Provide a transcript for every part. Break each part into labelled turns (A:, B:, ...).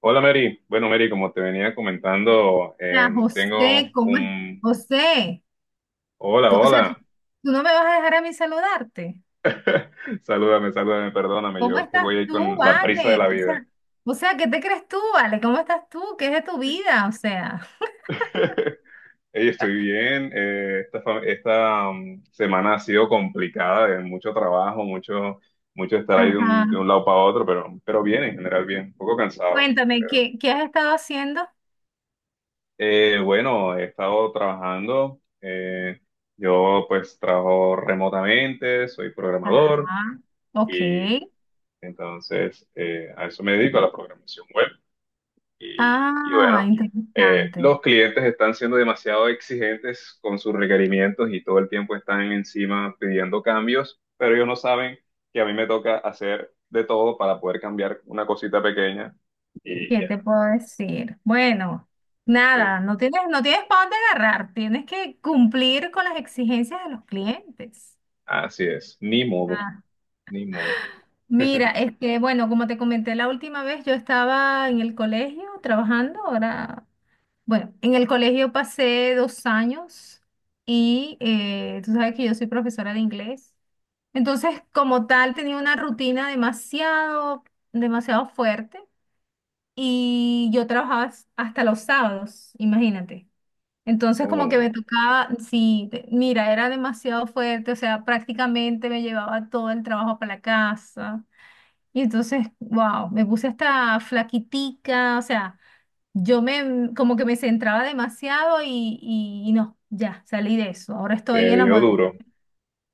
A: Hola Mary, bueno Mary, como te venía comentando,
B: Hola, José,
A: tengo
B: ¿cómo es?
A: un...
B: José,
A: Hola,
B: tú, o sea,
A: hola.
B: tú no me vas a dejar a mí saludarte.
A: Salúdame, salúdame, perdóname,
B: ¿Cómo
A: yo que
B: estás
A: voy ahí
B: tú,
A: con la prisa de
B: Vale?
A: la vida.
B: O sea, ¿qué te crees tú, Vale? ¿Cómo estás tú? ¿Qué es de tu vida? O sea,
A: Ey, estoy bien, esta, fa- esta, um, semana ha sido complicada, de mucho trabajo, mucho, mucho estar ahí
B: ajá.
A: de un lado para otro, pero bien, en general bien, un poco cansado.
B: Cuéntame, ¿¿qué has estado haciendo?
A: Bueno, he estado trabajando, yo pues trabajo remotamente, soy programador.
B: Ajá, ok.
A: y Entonces, a eso me dedico, a la programación web. Y
B: Ah,
A: bueno,
B: interesante.
A: los clientes están siendo demasiado exigentes con sus requerimientos y todo el tiempo están encima pidiendo cambios, pero ellos no saben que a mí me toca hacer de todo para poder cambiar una cosita pequeña. Y,
B: ¿Qué
A: y
B: te puedo decir? Bueno,
A: así,
B: nada, no tienes para dónde agarrar. Tienes que cumplir con las exigencias de los clientes.
A: así es, ni modo,
B: Ah,
A: ni modo.
B: mira, es que, bueno, como te comenté la última vez, yo estaba en el colegio trabajando, ahora, bueno, en el colegio pasé 2 años y tú sabes que yo soy profesora de inglés. Entonces, como tal, tenía una rutina demasiado, demasiado fuerte y yo trabajaba hasta los sábados, imagínate. Entonces, como
A: Oh,
B: que me tocaba, sí, mira, era demasiado fuerte, o sea, prácticamente me llevaba todo el trabajo para la casa. Y entonces, wow, me puse hasta flaquitica, o sea, yo como que me centraba demasiado y no, ya, salí de eso. Ahora estoy
A: te
B: en la
A: dio
B: moda
A: duro.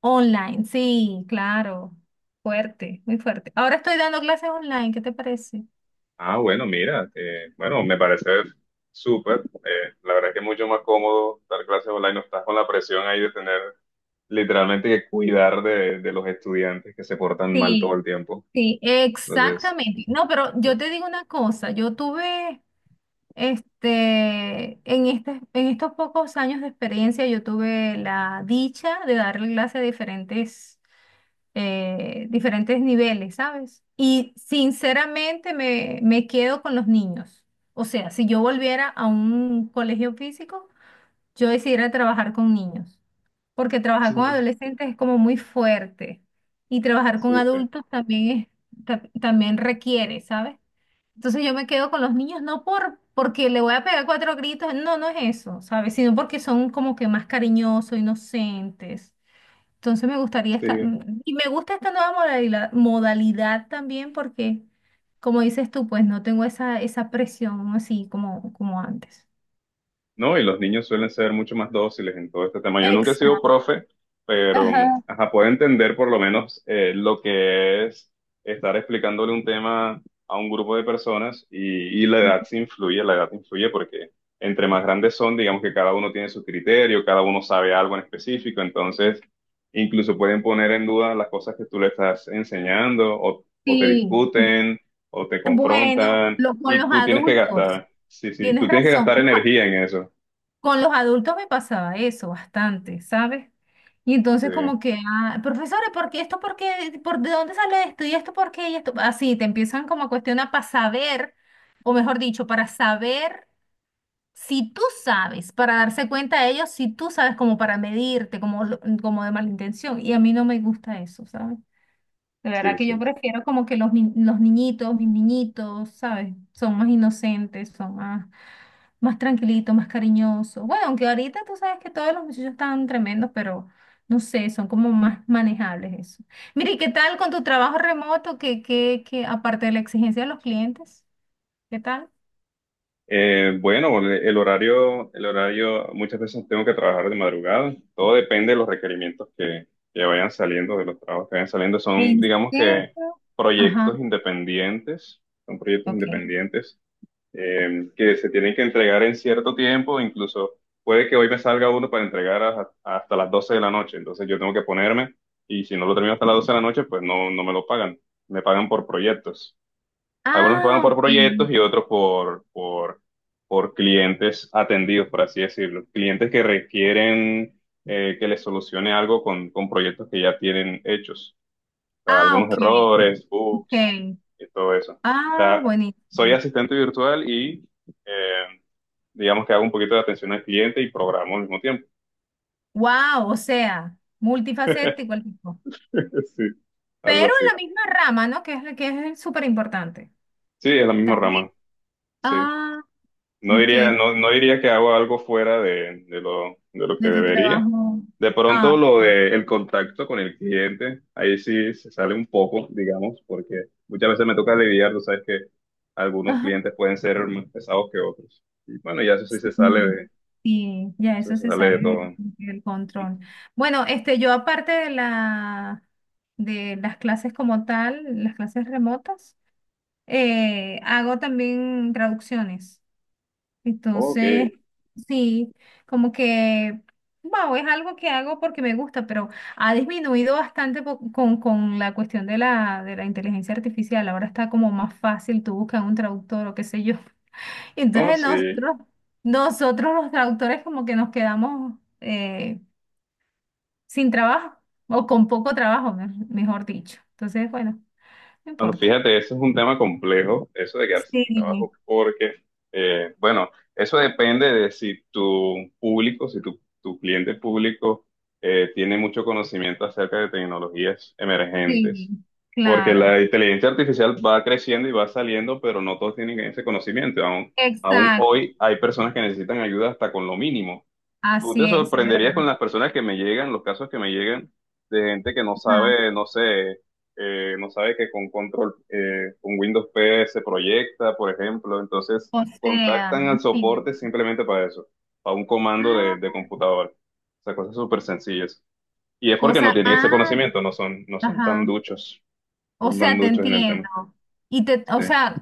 B: online, sí, claro, fuerte, muy fuerte. Ahora estoy dando clases online, ¿qué te parece?
A: Ah, bueno, mira, bueno, me parece súper. La verdad es que es mucho más cómodo dar clases online, no estás con la presión ahí de tener literalmente que cuidar de los estudiantes que se portan mal todo
B: Sí,
A: el tiempo.
B: sí,
A: Entonces,
B: exactamente. No, pero yo
A: sí,
B: te digo una cosa, en en estos pocos años de experiencia, yo tuve la dicha de darle clases a diferentes. Diferentes niveles, ¿sabes? Y sinceramente me quedo con los niños. O sea, si yo volviera a un colegio físico, yo decidiera trabajar con niños, porque trabajar
A: sí,
B: con adolescentes es como muy fuerte y trabajar con
A: sí,
B: adultos también es, también requiere, ¿sabes? Entonces yo me quedo con los niños no porque le voy a pegar 4 gritos, no, no es eso, ¿sabes? Sino porque son como que más cariñosos, inocentes. Entonces me gustaría
A: sí.
B: y me gusta esta nueva modalidad también porque, como dices tú, pues no tengo esa presión así como, como antes.
A: No, y los niños suelen ser mucho más dóciles en todo este tema. Yo nunca he sido
B: Exacto.
A: profe, pero
B: Ajá.
A: ajá, puedo entender por lo menos lo que es estar explicándole un tema a un grupo de personas y la edad se influye, la edad influye porque entre más grandes son, digamos que cada uno tiene su criterio, cada uno sabe algo en específico, entonces incluso pueden poner en duda las cosas que tú le estás enseñando o te
B: Sí.
A: discuten o te
B: Bueno,
A: confrontan
B: con
A: y
B: los
A: tú tienes que
B: adultos,
A: gastar, sí, sí,
B: tienes
A: tú tienes que
B: razón.
A: gastar energía en eso.
B: Con los adultos me pasaba eso bastante, ¿sabes? Y entonces
A: Sí,
B: como que, ah, profesores, ¿por qué esto? ¿Por qué? ¿Por ¿De dónde sale esto? ¿Y esto por qué? ¿Y esto? Así, te empiezan como a cuestionar para saber, o mejor dicho, para saber. Si tú sabes, para darse cuenta de ellos, si tú sabes como para medirte, como, como de mala intención, y a mí no me gusta eso, ¿sabes? De verdad
A: sí,
B: que yo
A: sí.
B: prefiero como que los, ni- los niñitos, mis niñitos, ¿sabes? Son más inocentes, son más, más tranquilitos, más cariñosos. Bueno, aunque ahorita tú sabes que todos los muchachos están tremendos, pero no sé, son como más manejables eso. Mire, ¿y qué tal con tu trabajo remoto? Que aparte de la exigencia de los clientes, ¿qué tal?
A: Bueno, el horario, el horario, muchas veces tengo que trabajar de madrugada. Todo depende de los requerimientos que vayan saliendo, de los trabajos que vayan saliendo. Son,
B: ¿En
A: digamos
B: serio?
A: que,
B: Ajá,
A: proyectos independientes, son proyectos
B: ok.
A: independientes que se tienen que entregar en cierto tiempo. Incluso puede que hoy me salga uno para entregar hasta las 12 de la noche. Entonces yo tengo que ponerme y si no lo termino hasta las 12 de la noche, pues no, no me lo pagan. Me pagan por proyectos. Algunos pagan
B: Ah,
A: por
B: ok.
A: proyectos y otros por clientes atendidos, por así decirlo. Clientes que requieren que les solucione algo con proyectos que ya tienen hechos. O sea,
B: Ah,
A: algunos
B: ok.
A: errores, bugs
B: Ok.
A: y todo eso. O
B: Ah,
A: sea,
B: buenísimo.
A: soy asistente virtual y eh, digamos que hago un poquito de atención al cliente y programo al mismo tiempo.
B: Wow, o sea, multifacético el tipo.
A: Sí, algo
B: Pero en
A: así.
B: la misma rama, ¿no? Que es, que es súper importante.
A: Sí, es la misma
B: También.
A: rama. Sí.
B: Ah,
A: No
B: ¿y
A: diría,
B: qué?
A: no, no diría que hago algo fuera de lo que
B: De tu
A: debería.
B: trabajo.
A: De pronto
B: Ah,
A: lo de el contacto con el cliente, ahí sí se sale un poco, digamos, porque muchas veces me toca lidiar, tú sabes que algunos
B: ajá.
A: clientes pueden ser más pesados que otros. Y bueno, ya eso sí
B: Sí, sí, ya
A: eso
B: eso
A: se
B: se
A: sale de
B: sale
A: todo.
B: del control. Bueno, este, yo aparte de de las clases como tal, las clases remotas, hago también traducciones.
A: Ok,
B: Entonces, sí, como que, wow, es algo que hago porque me gusta, pero ha disminuido bastante con la cuestión de de la inteligencia artificial. Ahora está como más fácil, tú buscas un traductor o qué sé yo.
A: no,
B: Entonces
A: sí.
B: nosotros los traductores como que nos quedamos sin trabajo o con poco trabajo, mejor dicho. Entonces, bueno, no
A: Bueno,
B: importa.
A: fíjate, ese es un tema complejo, eso de quedarse sin
B: Sí,
A: trabajo, porque, bueno, eso depende de si tu público, si tu, tu cliente público tiene mucho conocimiento acerca de tecnologías
B: sí,
A: emergentes, porque
B: claro.
A: la inteligencia artificial va creciendo y va saliendo, pero no todos tienen ese conocimiento. Aún, aún
B: Exacto.
A: hoy hay personas que necesitan ayuda hasta con lo mínimo. Tú
B: Así
A: te
B: es
A: sorprenderías con
B: verdad.
A: las personas que me llegan, los casos que me llegan de gente que no sabe, no sé, no sabe que con control, con Windows P se proyecta, por ejemplo. Entonces
B: O sea,
A: contactan al soporte
B: imagina.
A: simplemente para eso, para un comando de
B: Ah,
A: computadora. O sea, cosas súper sencillas. Y es porque no
B: cosa,
A: tienen ese
B: ah,
A: conocimiento, no son, no son tan
B: ajá.
A: duchos, no
B: O
A: son tan
B: sea, te
A: duchos en el tema.
B: entiendo. Y te,
A: Sí.
B: o sea,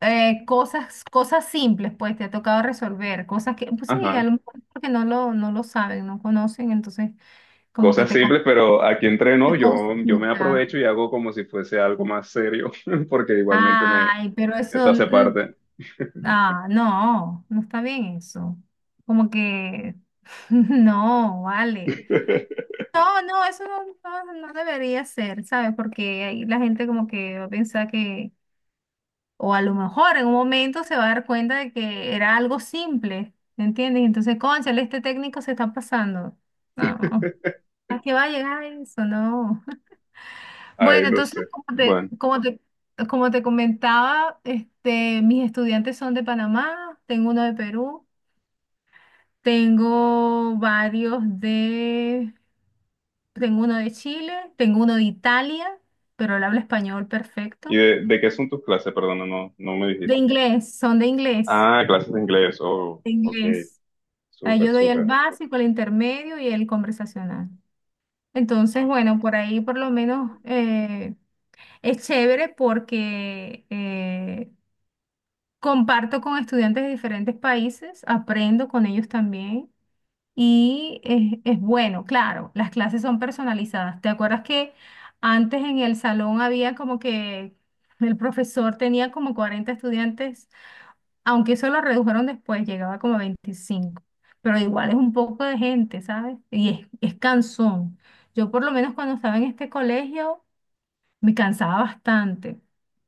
B: cosas simples, pues, te ha tocado resolver, cosas que, pues sí, a
A: Ajá.
B: lo mejor es porque no lo saben, no conocen, entonces como que
A: Cosas
B: te,
A: simples, pero aquí entreno,
B: te
A: yo me
B: consultan.
A: aprovecho y hago como si fuese algo más serio, porque igualmente
B: Ay, pero
A: eso
B: eso,
A: hace parte.
B: ah, no, no está bien eso. Como que, no, vale. No, no, eso no, no, no debería ser, ¿sabes? Porque ahí la gente como que va a pensar que, o a lo mejor en un momento se va a dar cuenta de que era algo simple, ¿me entiendes? Entonces, cónchale, este técnico se está pasando. No, ¿a qué va a llegar eso? No.
A: Ay,
B: Bueno,
A: no sé.
B: entonces,
A: Bueno,
B: como te comentaba, este, mis estudiantes son de Panamá, tengo uno de Perú, tengo varios. Tengo uno de Chile, tengo uno de Italia, pero él habla español
A: ¿y
B: perfecto.
A: de qué son tus clases? Perdona, no, no me
B: De
A: dijiste.
B: inglés, son de inglés,
A: Ah, clases de inglés. Oh,
B: de
A: ok.
B: inglés. Ahí
A: Súper,
B: yo doy el
A: súper.
B: básico, el intermedio y el conversacional. Entonces, bueno, por ahí por lo menos es chévere porque comparto con estudiantes de diferentes países, aprendo con ellos también. Y es bueno, claro, las clases son personalizadas. ¿Te acuerdas que antes en el salón había como que el profesor tenía como 40 estudiantes, aunque eso lo redujeron después, llegaba como a 25, pero igual es un poco de gente, ¿sabes? Y es cansón. Yo por lo menos cuando estaba en este colegio me cansaba bastante,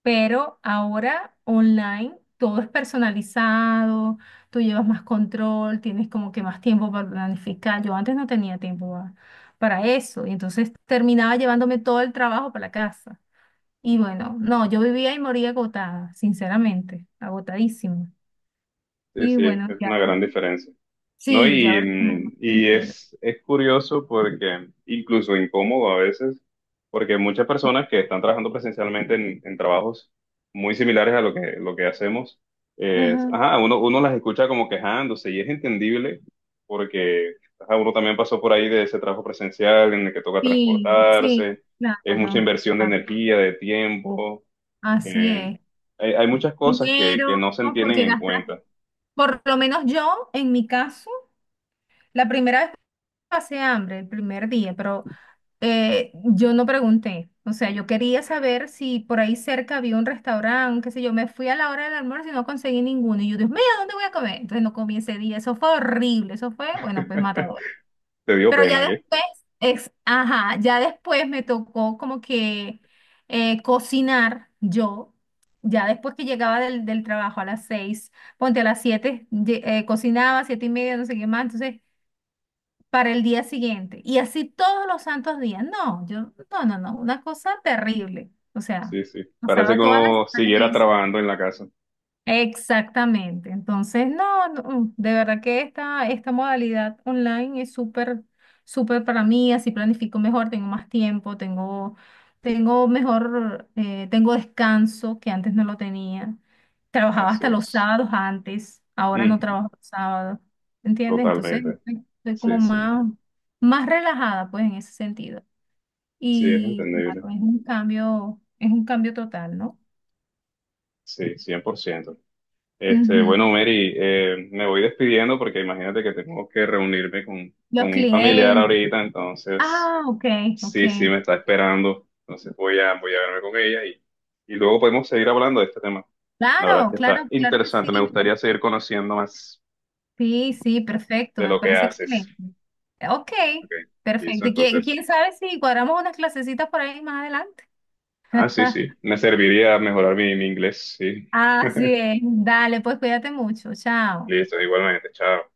B: pero ahora online todo es personalizado, tú llevas más control, tienes como que más tiempo para planificar. Yo antes no tenía tiempo para eso y entonces terminaba llevándome todo el trabajo para la casa. Y bueno, no, yo vivía y moría agotada, sinceramente, agotadísima.
A: Sí,
B: Y
A: sí,
B: bueno,
A: es
B: ya,
A: una gran diferencia. ¿No?
B: sí, ya
A: Y,
B: ahora es como más
A: mm, y
B: tranquilo.
A: es curioso porque, incluso incómodo a veces, porque muchas personas que están trabajando presencialmente en trabajos muy similares a lo que hacemos, es,
B: Ajá.
A: ajá, uno, uno las escucha como quejándose y es entendible porque ajá, uno también pasó por ahí de ese trabajo presencial en el que toca
B: Sí, sí,
A: transportarse, es mucha
B: claro,
A: inversión de
B: ah,
A: energía, de tiempo,
B: así
A: eh,
B: es,
A: hay, hay muchas cosas que
B: dinero,
A: no se tienen
B: porque
A: en
B: gastar,
A: cuenta.
B: por lo menos yo, en mi caso, la primera vez pasé hambre, el primer día, pero yo no pregunté. O sea, yo quería saber si por ahí cerca había un restaurante, qué sé yo. Me fui a la hora del almuerzo y no conseguí ninguno. Y yo, Dios mío, ¿dónde voy a comer? Entonces no comí ese día. Eso fue horrible. Eso fue, bueno, pues matador.
A: Te dio
B: Pero ya
A: pena.
B: después, es, ajá, ya después me tocó como que cocinar yo. Ya después que llegaba del trabajo a las 6, ponte a las 7, cocinaba, 7 y media, no sé qué más, entonces para el día siguiente. Y así todos los santos días. No, yo, no, no, no, una cosa terrible. O sea,
A: Sí, sí. Parece
B: pasaba
A: que
B: todas las...
A: uno siguiera trabajando en la casa.
B: Exactamente. Entonces, no, no, de verdad que esta modalidad online es súper, súper para mí, así planifico mejor, tengo más tiempo, tengo, tengo mejor, tengo descanso que antes no lo tenía. Trabajaba
A: Así
B: hasta los
A: es.
B: sábados antes, ahora no
A: Mm,
B: trabajo los sábados, ¿entiendes? Entonces,
A: totalmente.
B: estoy como
A: Sí, sí.
B: más, más relajada, pues, en ese sentido.
A: Sí, es
B: Y
A: entendible.
B: claro, es un cambio total, ¿no?
A: Sí, 100%. Este, bueno,
B: Ujú.
A: Mary, me voy despidiendo porque imagínate que tengo que reunirme
B: Los
A: con un familiar
B: clientes.
A: ahorita, entonces
B: Ah, ok, ok.
A: sí, sí, me está esperando. Entonces voy a, voy a verme con ella y luego podemos seguir hablando de este tema. La verdad es
B: Claro,
A: que está
B: claro, claro que sí,
A: interesante. Me
B: me pare-.
A: gustaría seguir conociendo más
B: Sí, sí, perfecto,
A: de
B: me
A: lo que
B: parece
A: haces.
B: excelente. Ok,
A: Ok, listo,
B: perfecto. ¿Y quién,
A: entonces.
B: quién sabe si cuadramos unas clasecitas por ahí más adelante?
A: Ah, sí, sí. Me serviría mejorar mi, mi inglés, sí.
B: Así es. Dale, pues cuídate mucho. Chao.
A: Listo, igualmente, chao.